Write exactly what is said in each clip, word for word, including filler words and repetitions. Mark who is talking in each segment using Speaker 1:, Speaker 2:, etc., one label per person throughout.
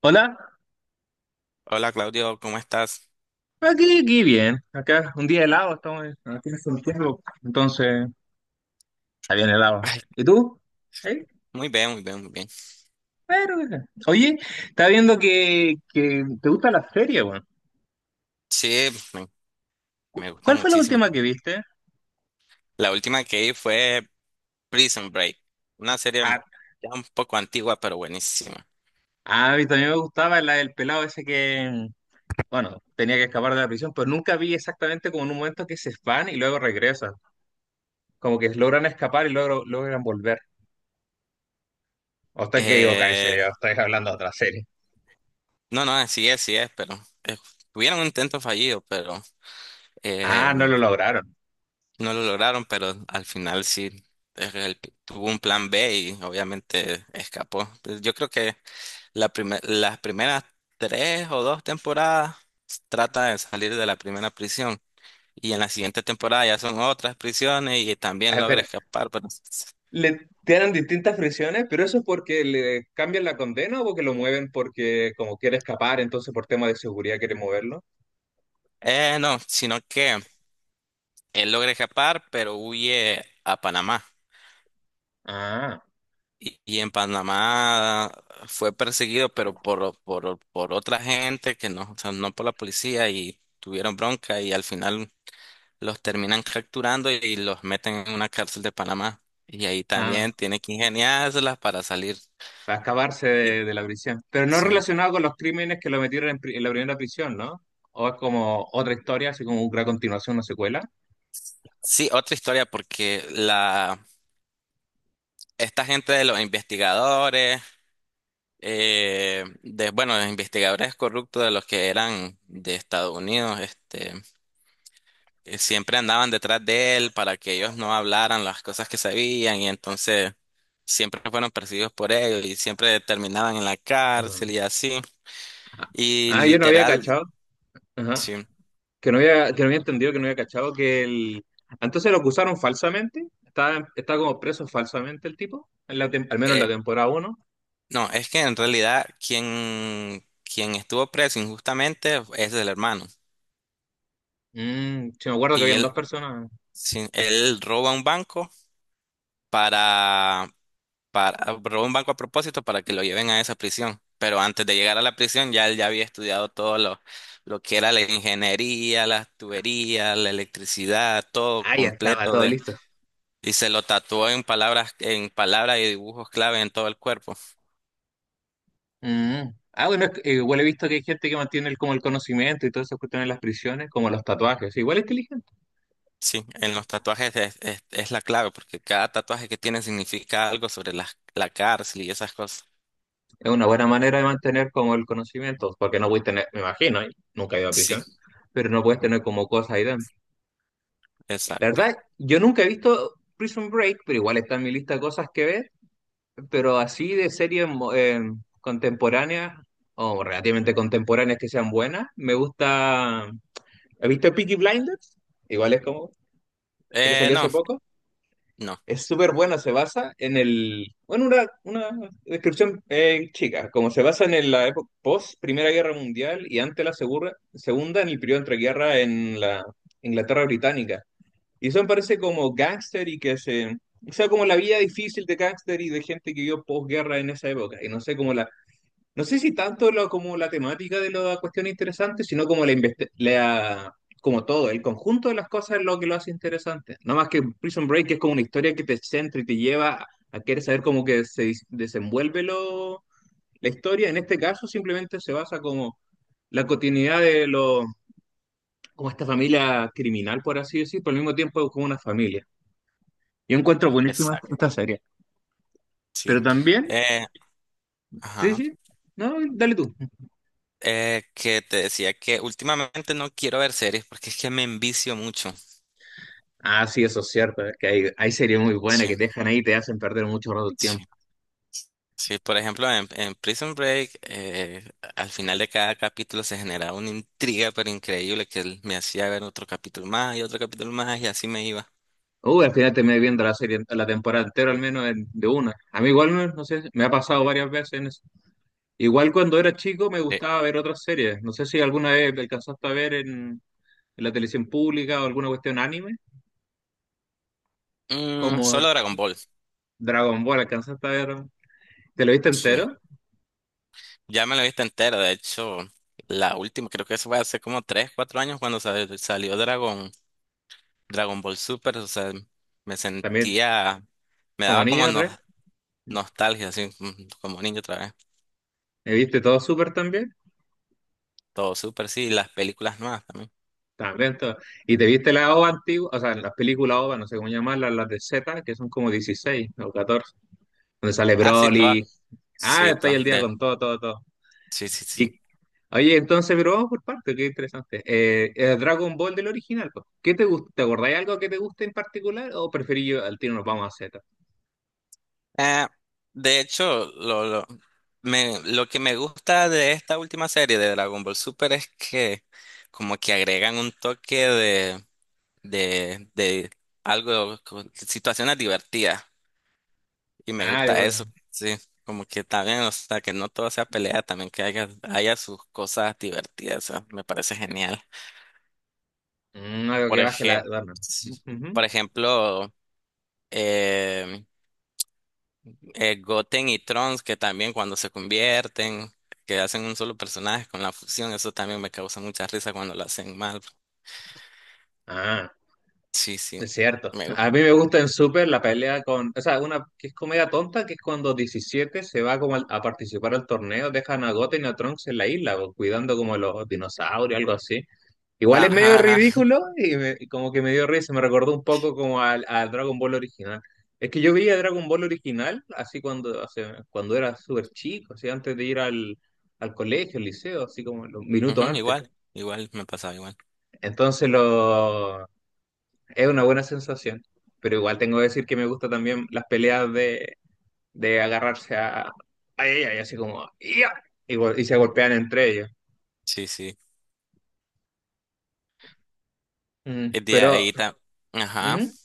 Speaker 1: Hola,
Speaker 2: Hola Claudio, ¿cómo estás?
Speaker 1: aquí, aquí bien, acá un día helado, estamos en- aquí en Santiago, entonces está bien helado.
Speaker 2: Ay,
Speaker 1: ¿Y tú? ¿Eh?
Speaker 2: muy bien, muy bien, muy bien.
Speaker 1: Pero, eh. oye, está viendo que, que te gusta la serie, weón.
Speaker 2: Sí, me,
Speaker 1: ¿Cu-
Speaker 2: Me gusta
Speaker 1: ¿Cuál fue la
Speaker 2: muchísimo.
Speaker 1: última que viste?
Speaker 2: La última que vi fue Prison Break, una serie
Speaker 1: Ah,
Speaker 2: ya un poco antigua, pero buenísima.
Speaker 1: ah, a mí también me gustaba la del pelado ese que, bueno, tenía que escapar de la prisión, pero nunca vi exactamente como en un momento que se van y luego regresan, como que logran escapar y luego logran volver. O está que digo, ese,
Speaker 2: Eh,
Speaker 1: ya estáis hablando de otra serie.
Speaker 2: no, no, así es, sí es, pero eh, tuvieron un intento fallido, pero
Speaker 1: Ah, no
Speaker 2: eh,
Speaker 1: lo lograron.
Speaker 2: no lo lograron, pero al final sí eh, el- tuvo un plan B y obviamente escapó. Pues yo creo que la primer- las primeras tres o dos temporadas trata de salir de la primera prisión. Y en la siguiente temporada ya son otras prisiones y también
Speaker 1: Ah,
Speaker 2: logra
Speaker 1: espera.
Speaker 2: escapar, pero...
Speaker 1: Le tienen distintas prisiones, pero ¿eso es porque le cambian la condena o porque lo mueven porque como quiere escapar, entonces por tema de seguridad quiere moverlo?
Speaker 2: Eh, no, sino que él logra escapar, pero huye a Panamá.
Speaker 1: Ah,
Speaker 2: Y, y en Panamá fue perseguido, pero por, por, por otra gente que no, o sea, no por la policía y tuvieron bronca y al final los terminan capturando y los meten en una cárcel de Panamá. Y ahí
Speaker 1: ah,
Speaker 2: también tiene que ingeniárselas para salir.
Speaker 1: para escaparse
Speaker 2: Y-
Speaker 1: de, de la prisión. Pero no
Speaker 2: sí.
Speaker 1: relacionado con los crímenes que lo metieron en, pri- en la primera prisión, ¿no? O es como otra historia, así como una continuación, una secuela.
Speaker 2: Sí, otra historia porque la esta gente de los investigadores, eh, de, bueno, los investigadores corruptos de los que eran de Estados Unidos, este, eh, siempre andaban detrás de él para que ellos no hablaran las cosas que sabían y entonces siempre fueron perseguidos por él y siempre terminaban en la
Speaker 1: Ajá.
Speaker 2: cárcel y así. Y
Speaker 1: Ah, yo no había
Speaker 2: literal,
Speaker 1: cachado. Ajá.
Speaker 2: sí.
Speaker 1: Que no había, que no había entendido, que no había cachado que el... Entonces lo acusaron falsamente. Está, está como preso falsamente el tipo, en la tem- al menos en la
Speaker 2: eh,
Speaker 1: temporada uno.
Speaker 2: no, es que en realidad quien, quien estuvo preso injustamente es el hermano.
Speaker 1: Mm, sí, me acuerdo que
Speaker 2: Y
Speaker 1: habían
Speaker 2: él,
Speaker 1: dos personas.
Speaker 2: sí, él roba un banco para para, robó un banco a propósito para que lo lleven a esa prisión. Pero antes de llegar a la prisión, ya él ya había estudiado todo lo, lo que era la ingeniería, las tuberías, la electricidad, todo
Speaker 1: Ah, ya estaba
Speaker 2: completo
Speaker 1: todo
Speaker 2: de,
Speaker 1: listo.
Speaker 2: y se lo tatuó en palabras, en palabras y dibujos clave en todo el cuerpo.
Speaker 1: Mm. Ah, bueno, es que, eh, igual he visto que hay gente que mantiene el, como el conocimiento y todas esas cuestiones en las prisiones, como los tatuajes. Igual es inteligente.
Speaker 2: Sí, en los tatuajes es, es- es la clave, porque cada tatuaje que tiene significa algo sobre la, la cárcel y esas cosas.
Speaker 1: Es una buena manera de mantener como el conocimiento, porque no puedes tener, me imagino, ¿eh? Nunca he ido a prisión,
Speaker 2: Sí,
Speaker 1: pero no puedes tener como cosas ahí dentro. La
Speaker 2: exacto.
Speaker 1: verdad, yo nunca he visto Prison Break, pero igual está en mi lista de cosas que ver, pero así de series mo- eh, contemporáneas o relativamente contemporáneas que sean buenas, me gusta. ¿Viste Peaky Blinders? Igual es como el que
Speaker 2: Eh,
Speaker 1: salió
Speaker 2: no,
Speaker 1: hace poco.
Speaker 2: no,
Speaker 1: Es súper bueno, se basa en el... Bueno, una, una descripción eh, chica, como se basa en el- la época post Primera Guerra Mundial y ante la segura- Segunda, en el periodo entre guerra en la Inglaterra Británica. Y son parece como gángster y que se... O sea, como la vida difícil de gángster y de gente que vivió posguerra en esa época. Y no sé, como la, no sé si tanto lo, como la temática de la cuestión interesante, sino como la, investi- la- como todo, el conjunto de las cosas es lo que lo hace interesante. No más que Prison Break es como una historia que te centra y te lleva a querer saber cómo que se dis- desenvuelve lo, la historia. En este caso simplemente se basa como la continuidad de lo, como esta familia criminal, por así decir, pero al mismo tiempo es como una familia. Yo encuentro buenísima
Speaker 2: exacto,
Speaker 1: esta serie.
Speaker 2: sí.
Speaker 1: Pero también,
Speaker 2: Eh,
Speaker 1: sí,
Speaker 2: ajá.
Speaker 1: sí, no, dale tú.
Speaker 2: Eh, que te decía que últimamente no quiero ver series porque es que me envicio mucho.
Speaker 1: Ah, sí, eso es cierto. Es que hay, hay series muy buenas
Speaker 2: Sí,
Speaker 1: que te dejan ahí y te hacen perder mucho rato el
Speaker 2: sí.
Speaker 1: tiempo.
Speaker 2: Sí, por ejemplo, en, en Prison Break, eh, al final de cada capítulo se generaba una intriga pero increíble que él me hacía ver otro capítulo más y otro capítulo más y así me iba.
Speaker 1: Uy, al final terminé viendo la serie, la temporada entera, al menos en- de una. A mí igual, no no sé, me ha pasado varias veces en eso. Igual cuando era chico me
Speaker 2: Eh,
Speaker 1: gustaba ver otras series. No sé si alguna vez alcanzaste a ver en, en la televisión pública o alguna cuestión anime,
Speaker 2: mm,
Speaker 1: como
Speaker 2: Solo Dragon Ball.
Speaker 1: Dragon Ball, alcanzaste a ver. ¿Te lo viste
Speaker 2: Sí.
Speaker 1: entero?
Speaker 2: Ya me lo he visto entero, de hecho, la última, creo que eso fue hace como tres cuatro años cuando sal- salió Dragon, Dragon Ball Super, o sea, me
Speaker 1: También,
Speaker 2: sentía, me
Speaker 1: como
Speaker 2: daba
Speaker 1: niño
Speaker 2: como no
Speaker 1: otra vez.
Speaker 2: nostalgia, sí, mm, como niño otra vez.
Speaker 1: ¿Me viste todo Súper también?
Speaker 2: Todo súper, sí, las películas nuevas también.
Speaker 1: Está lento. ¿Y te viste la O V A antigua? O sea, en las películas O V A, no sé cómo llamarlas, las de Z, que son como dieciséis o catorce donde sale
Speaker 2: Ah, sí, todas.
Speaker 1: Broly. Ah,
Speaker 2: Sí,
Speaker 1: estoy el
Speaker 2: todas.
Speaker 1: día
Speaker 2: De,
Speaker 1: con todo, todo, todo.
Speaker 2: sí, sí, sí.
Speaker 1: Y, oye, entonces, pero vamos por parte, qué interesante. Eh, eh, Dragon Ball del original, pues. ¿Qué te gusta? ¿Te acordáis algo que te guste en particular o preferís yo al tiro nos vamos a Z?
Speaker 2: Eh, de hecho, lo, lo, me, Lo que me gusta de esta última serie de Dragon Ball Super es que como que agregan un toque de, de, de algo, como situaciones divertidas. Y me
Speaker 1: Ah, de
Speaker 2: gusta eso,
Speaker 1: bueno.
Speaker 2: sí. Como que también, o sea, que no todo sea pelea, también que haya, haya sus cosas divertidas, o sea, me parece genial.
Speaker 1: Mm, algo
Speaker 2: Por
Speaker 1: que baje la...
Speaker 2: ejemplo,
Speaker 1: Ujú.
Speaker 2: por ejemplo, eh, eh, Goten y Trunks, que también cuando se convierten, que hacen un solo personaje con la fusión, eso también me causa mucha risa cuando lo hacen mal.
Speaker 1: Ah.
Speaker 2: Sí, sí,
Speaker 1: Es cierto.
Speaker 2: me
Speaker 1: A
Speaker 2: gusta.
Speaker 1: mí me gusta en Super la pelea con, o sea, una que es comedia tonta, que es cuando diecisiete se va como al- a participar al torneo, dejan a Goten y a Trunks en la isla, o cuidando como los dinosaurios, algo así. Igual es medio
Speaker 2: Ajá, ajá.
Speaker 1: ridículo y, me- y como que me dio risa, me recordó un poco como al, al Dragon Ball original. Es que yo veía Dragon Ball original así cuando, hace- cuando era súper chico, así antes de ir al, al colegio, al liceo, así como los minutos
Speaker 2: Ujú,
Speaker 1: antes.
Speaker 2: igual, igual me pasaba igual.
Speaker 1: Entonces lo... Es una buena sensación, pero igual tengo que decir que me gusta también las peleas de, de agarrarse a, a ella y así como "Ya", y, gol- y se
Speaker 2: Ujú.
Speaker 1: golpean entre ellos.
Speaker 2: Sí, sí.
Speaker 1: Mm.
Speaker 2: Eh, De
Speaker 1: Pero,
Speaker 2: ahí ta- ajá.
Speaker 1: ujú.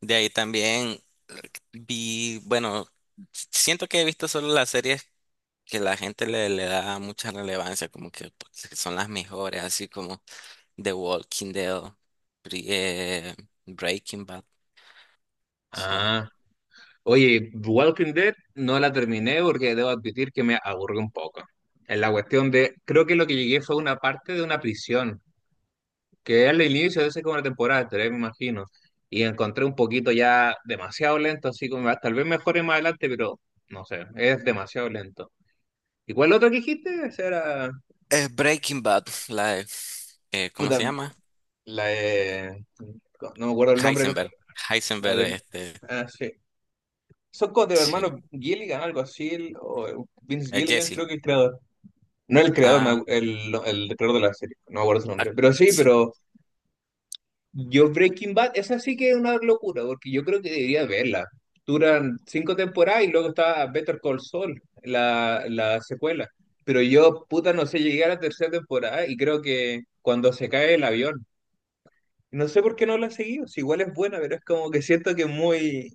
Speaker 2: De ahí también eh, vi, bueno, siento que he visto solo la serie que la gente le, le da mucha relevancia, como que pues, que son las mejores, así como The Walking Dead, Bre- eh, Breaking Bad, son,
Speaker 1: Ah, oye, Walking Dead no la terminé porque debo admitir que me aburrió un poco. En la cuestión de, creo que lo que llegué fue una parte de una prisión, que es el inicio de esa, como la temporada tres, me imagino. Y encontré un poquito ya demasiado lento, así como "Ah, tal vez mejore más adelante, pero no sé, es demasiado lento". ¿Y cuál otro que dijiste? Esa era.
Speaker 2: eh, Breaking Bad, la de, eh, ¿cómo se
Speaker 1: Puta,
Speaker 2: llama?
Speaker 1: la de. No me acuerdo el nombre de los.
Speaker 2: Heisenberg,
Speaker 1: La
Speaker 2: Heisenberg,
Speaker 1: de.
Speaker 2: este,
Speaker 1: Ah, sí. Son como de los
Speaker 2: sí,
Speaker 1: hermanos Gilligan, algo así, el- o Vince
Speaker 2: eh,
Speaker 1: Gilligan,
Speaker 2: Jesse,
Speaker 1: creo que el creador. No el creador, me
Speaker 2: ah,
Speaker 1: acu- el, no, el creador de la serie, no me acuerdo su
Speaker 2: ah,
Speaker 1: nombre. Pero sí,
Speaker 2: sí,
Speaker 1: pero yo Breaking Bad, esa sí que es una locura, porque yo creo que debería verla. Duran cinco temporadas y luego está Better Call Saul, la, la secuela. Pero yo, puta, no sé, llegué a la tercera temporada y creo que cuando se cae el avión. No sé por qué no la he seguido, si igual es buena, pero es como que siento que es muy,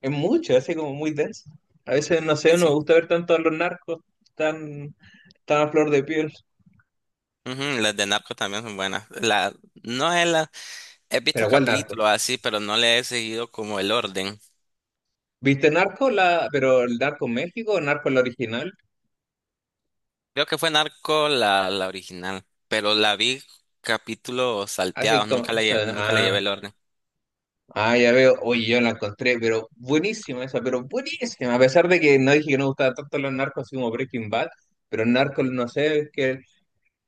Speaker 1: es mucho, hace como muy denso. A veces, no
Speaker 2: sí,
Speaker 1: sé, no me
Speaker 2: sí.
Speaker 1: gusta ver tanto a los narcos tan, tan a flor de piel.
Speaker 2: Ujú, las de Narco también son buenas. La, no es la, He visto
Speaker 1: Pero ¿cuál narco?
Speaker 2: capítulos así, pero no le he seguido como el orden.
Speaker 1: ¿Viste Narco, la, pero el Narco México o Narco la original?
Speaker 2: Creo que fue Narco la, la original, pero la vi capítulos
Speaker 1: Así
Speaker 2: salteados,
Speaker 1: como,
Speaker 2: nunca
Speaker 1: o
Speaker 2: la llevé,
Speaker 1: sea,
Speaker 2: nunca le llevé
Speaker 1: ah,
Speaker 2: el orden.
Speaker 1: ah, ya veo, oye, yo la encontré, pero buenísima esa, pero buenísima. A pesar de que no dije que no me gustaba tanto los narcos así como Breaking Bad, pero Narco, no sé, que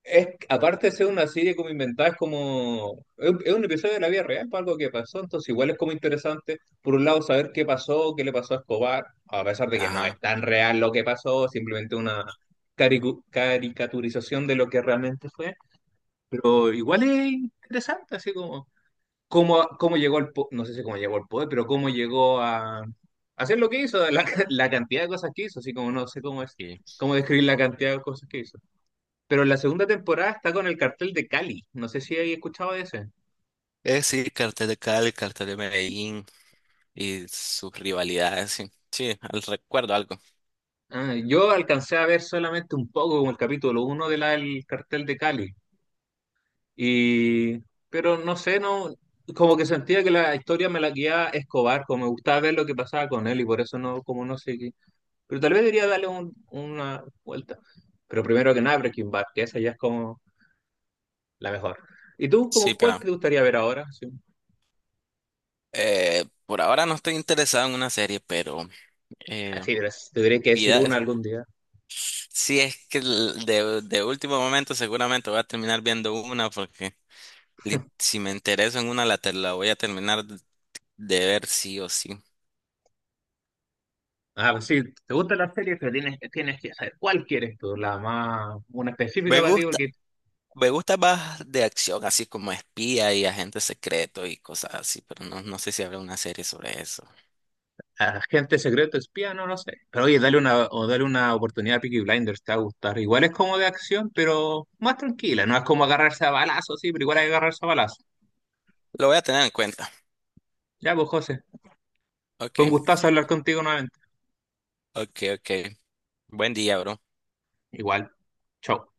Speaker 1: es, aparte de ser una serie como inventada, es como. Es, un es un episodio de la vida real, es algo que pasó, entonces igual es como interesante, por un lado, saber qué pasó, qué le pasó a Escobar, a pesar de que no es
Speaker 2: Ajá.
Speaker 1: tan real lo que pasó, simplemente una caricu- caricaturización de lo que realmente fue, pero igual es interesante, así como. Cómo, cómo llegó al. po- no sé si cómo llegó al poder, pero cómo llegó a. Hacer lo que hizo, la, la cantidad de cosas que hizo, así como no sé cómo es,
Speaker 2: Sí.
Speaker 1: cómo describir la cantidad de cosas que hizo. Pero la segunda temporada está con el cartel de Cali. No sé si hay escuchado de ese.
Speaker 2: Eh, sí, Cartel de Cali, Cartel de Medellín y sus rivalidades, sí. Sí, al- recuerdo algo.
Speaker 1: Ah, yo alcancé a ver solamente un poco como el capítulo uno del cartel de Cali. Y, pero no sé, no, como que sentía que la historia me la guiaba Escobar, como me gustaba ver lo que pasaba con él y por eso no, como no sé qué. Pero tal vez debería darle un- una vuelta. Pero primero que nada, Breaking Bad, que esa ya es como la mejor. ¿Y tú,
Speaker 2: Sí,
Speaker 1: como cuál
Speaker 2: pero
Speaker 1: te gustaría ver ahora? Sí.
Speaker 2: eh, por ahora no estoy interesado en una serie, pero eh,
Speaker 1: Así, pero si tuviera que decir
Speaker 2: vida,
Speaker 1: una algún día.
Speaker 2: si es que l- de, de último momento seguramente voy a terminar viendo una porque li- si me intereso en una la, te- la voy a terminar de ver sí o sí.
Speaker 1: Ah, pues sí, te gustan las series, pero tienes, tienes que saber cuál quieres tú, la más, una específica
Speaker 2: Me
Speaker 1: para ti,
Speaker 2: gusta.
Speaker 1: porque
Speaker 2: Me gusta más de acción, así como espía y agente secreto y cosas así, pero no, no sé si habrá una serie sobre eso.
Speaker 1: agente secreto, espía, no lo sé. Pero oye, dale una, o dale una oportunidad a Peaky Blinders, te va a gustar. Igual es como de acción, pero más tranquila, no es como agarrarse a balazos, sí, pero igual hay que agarrarse a balazos.
Speaker 2: Lo voy a tener en cuenta.
Speaker 1: Ya, pues José,
Speaker 2: Ok,
Speaker 1: fue un gustazo hablar contigo nuevamente.
Speaker 2: ok, ok. Buen día, bro.
Speaker 1: Igual, chao.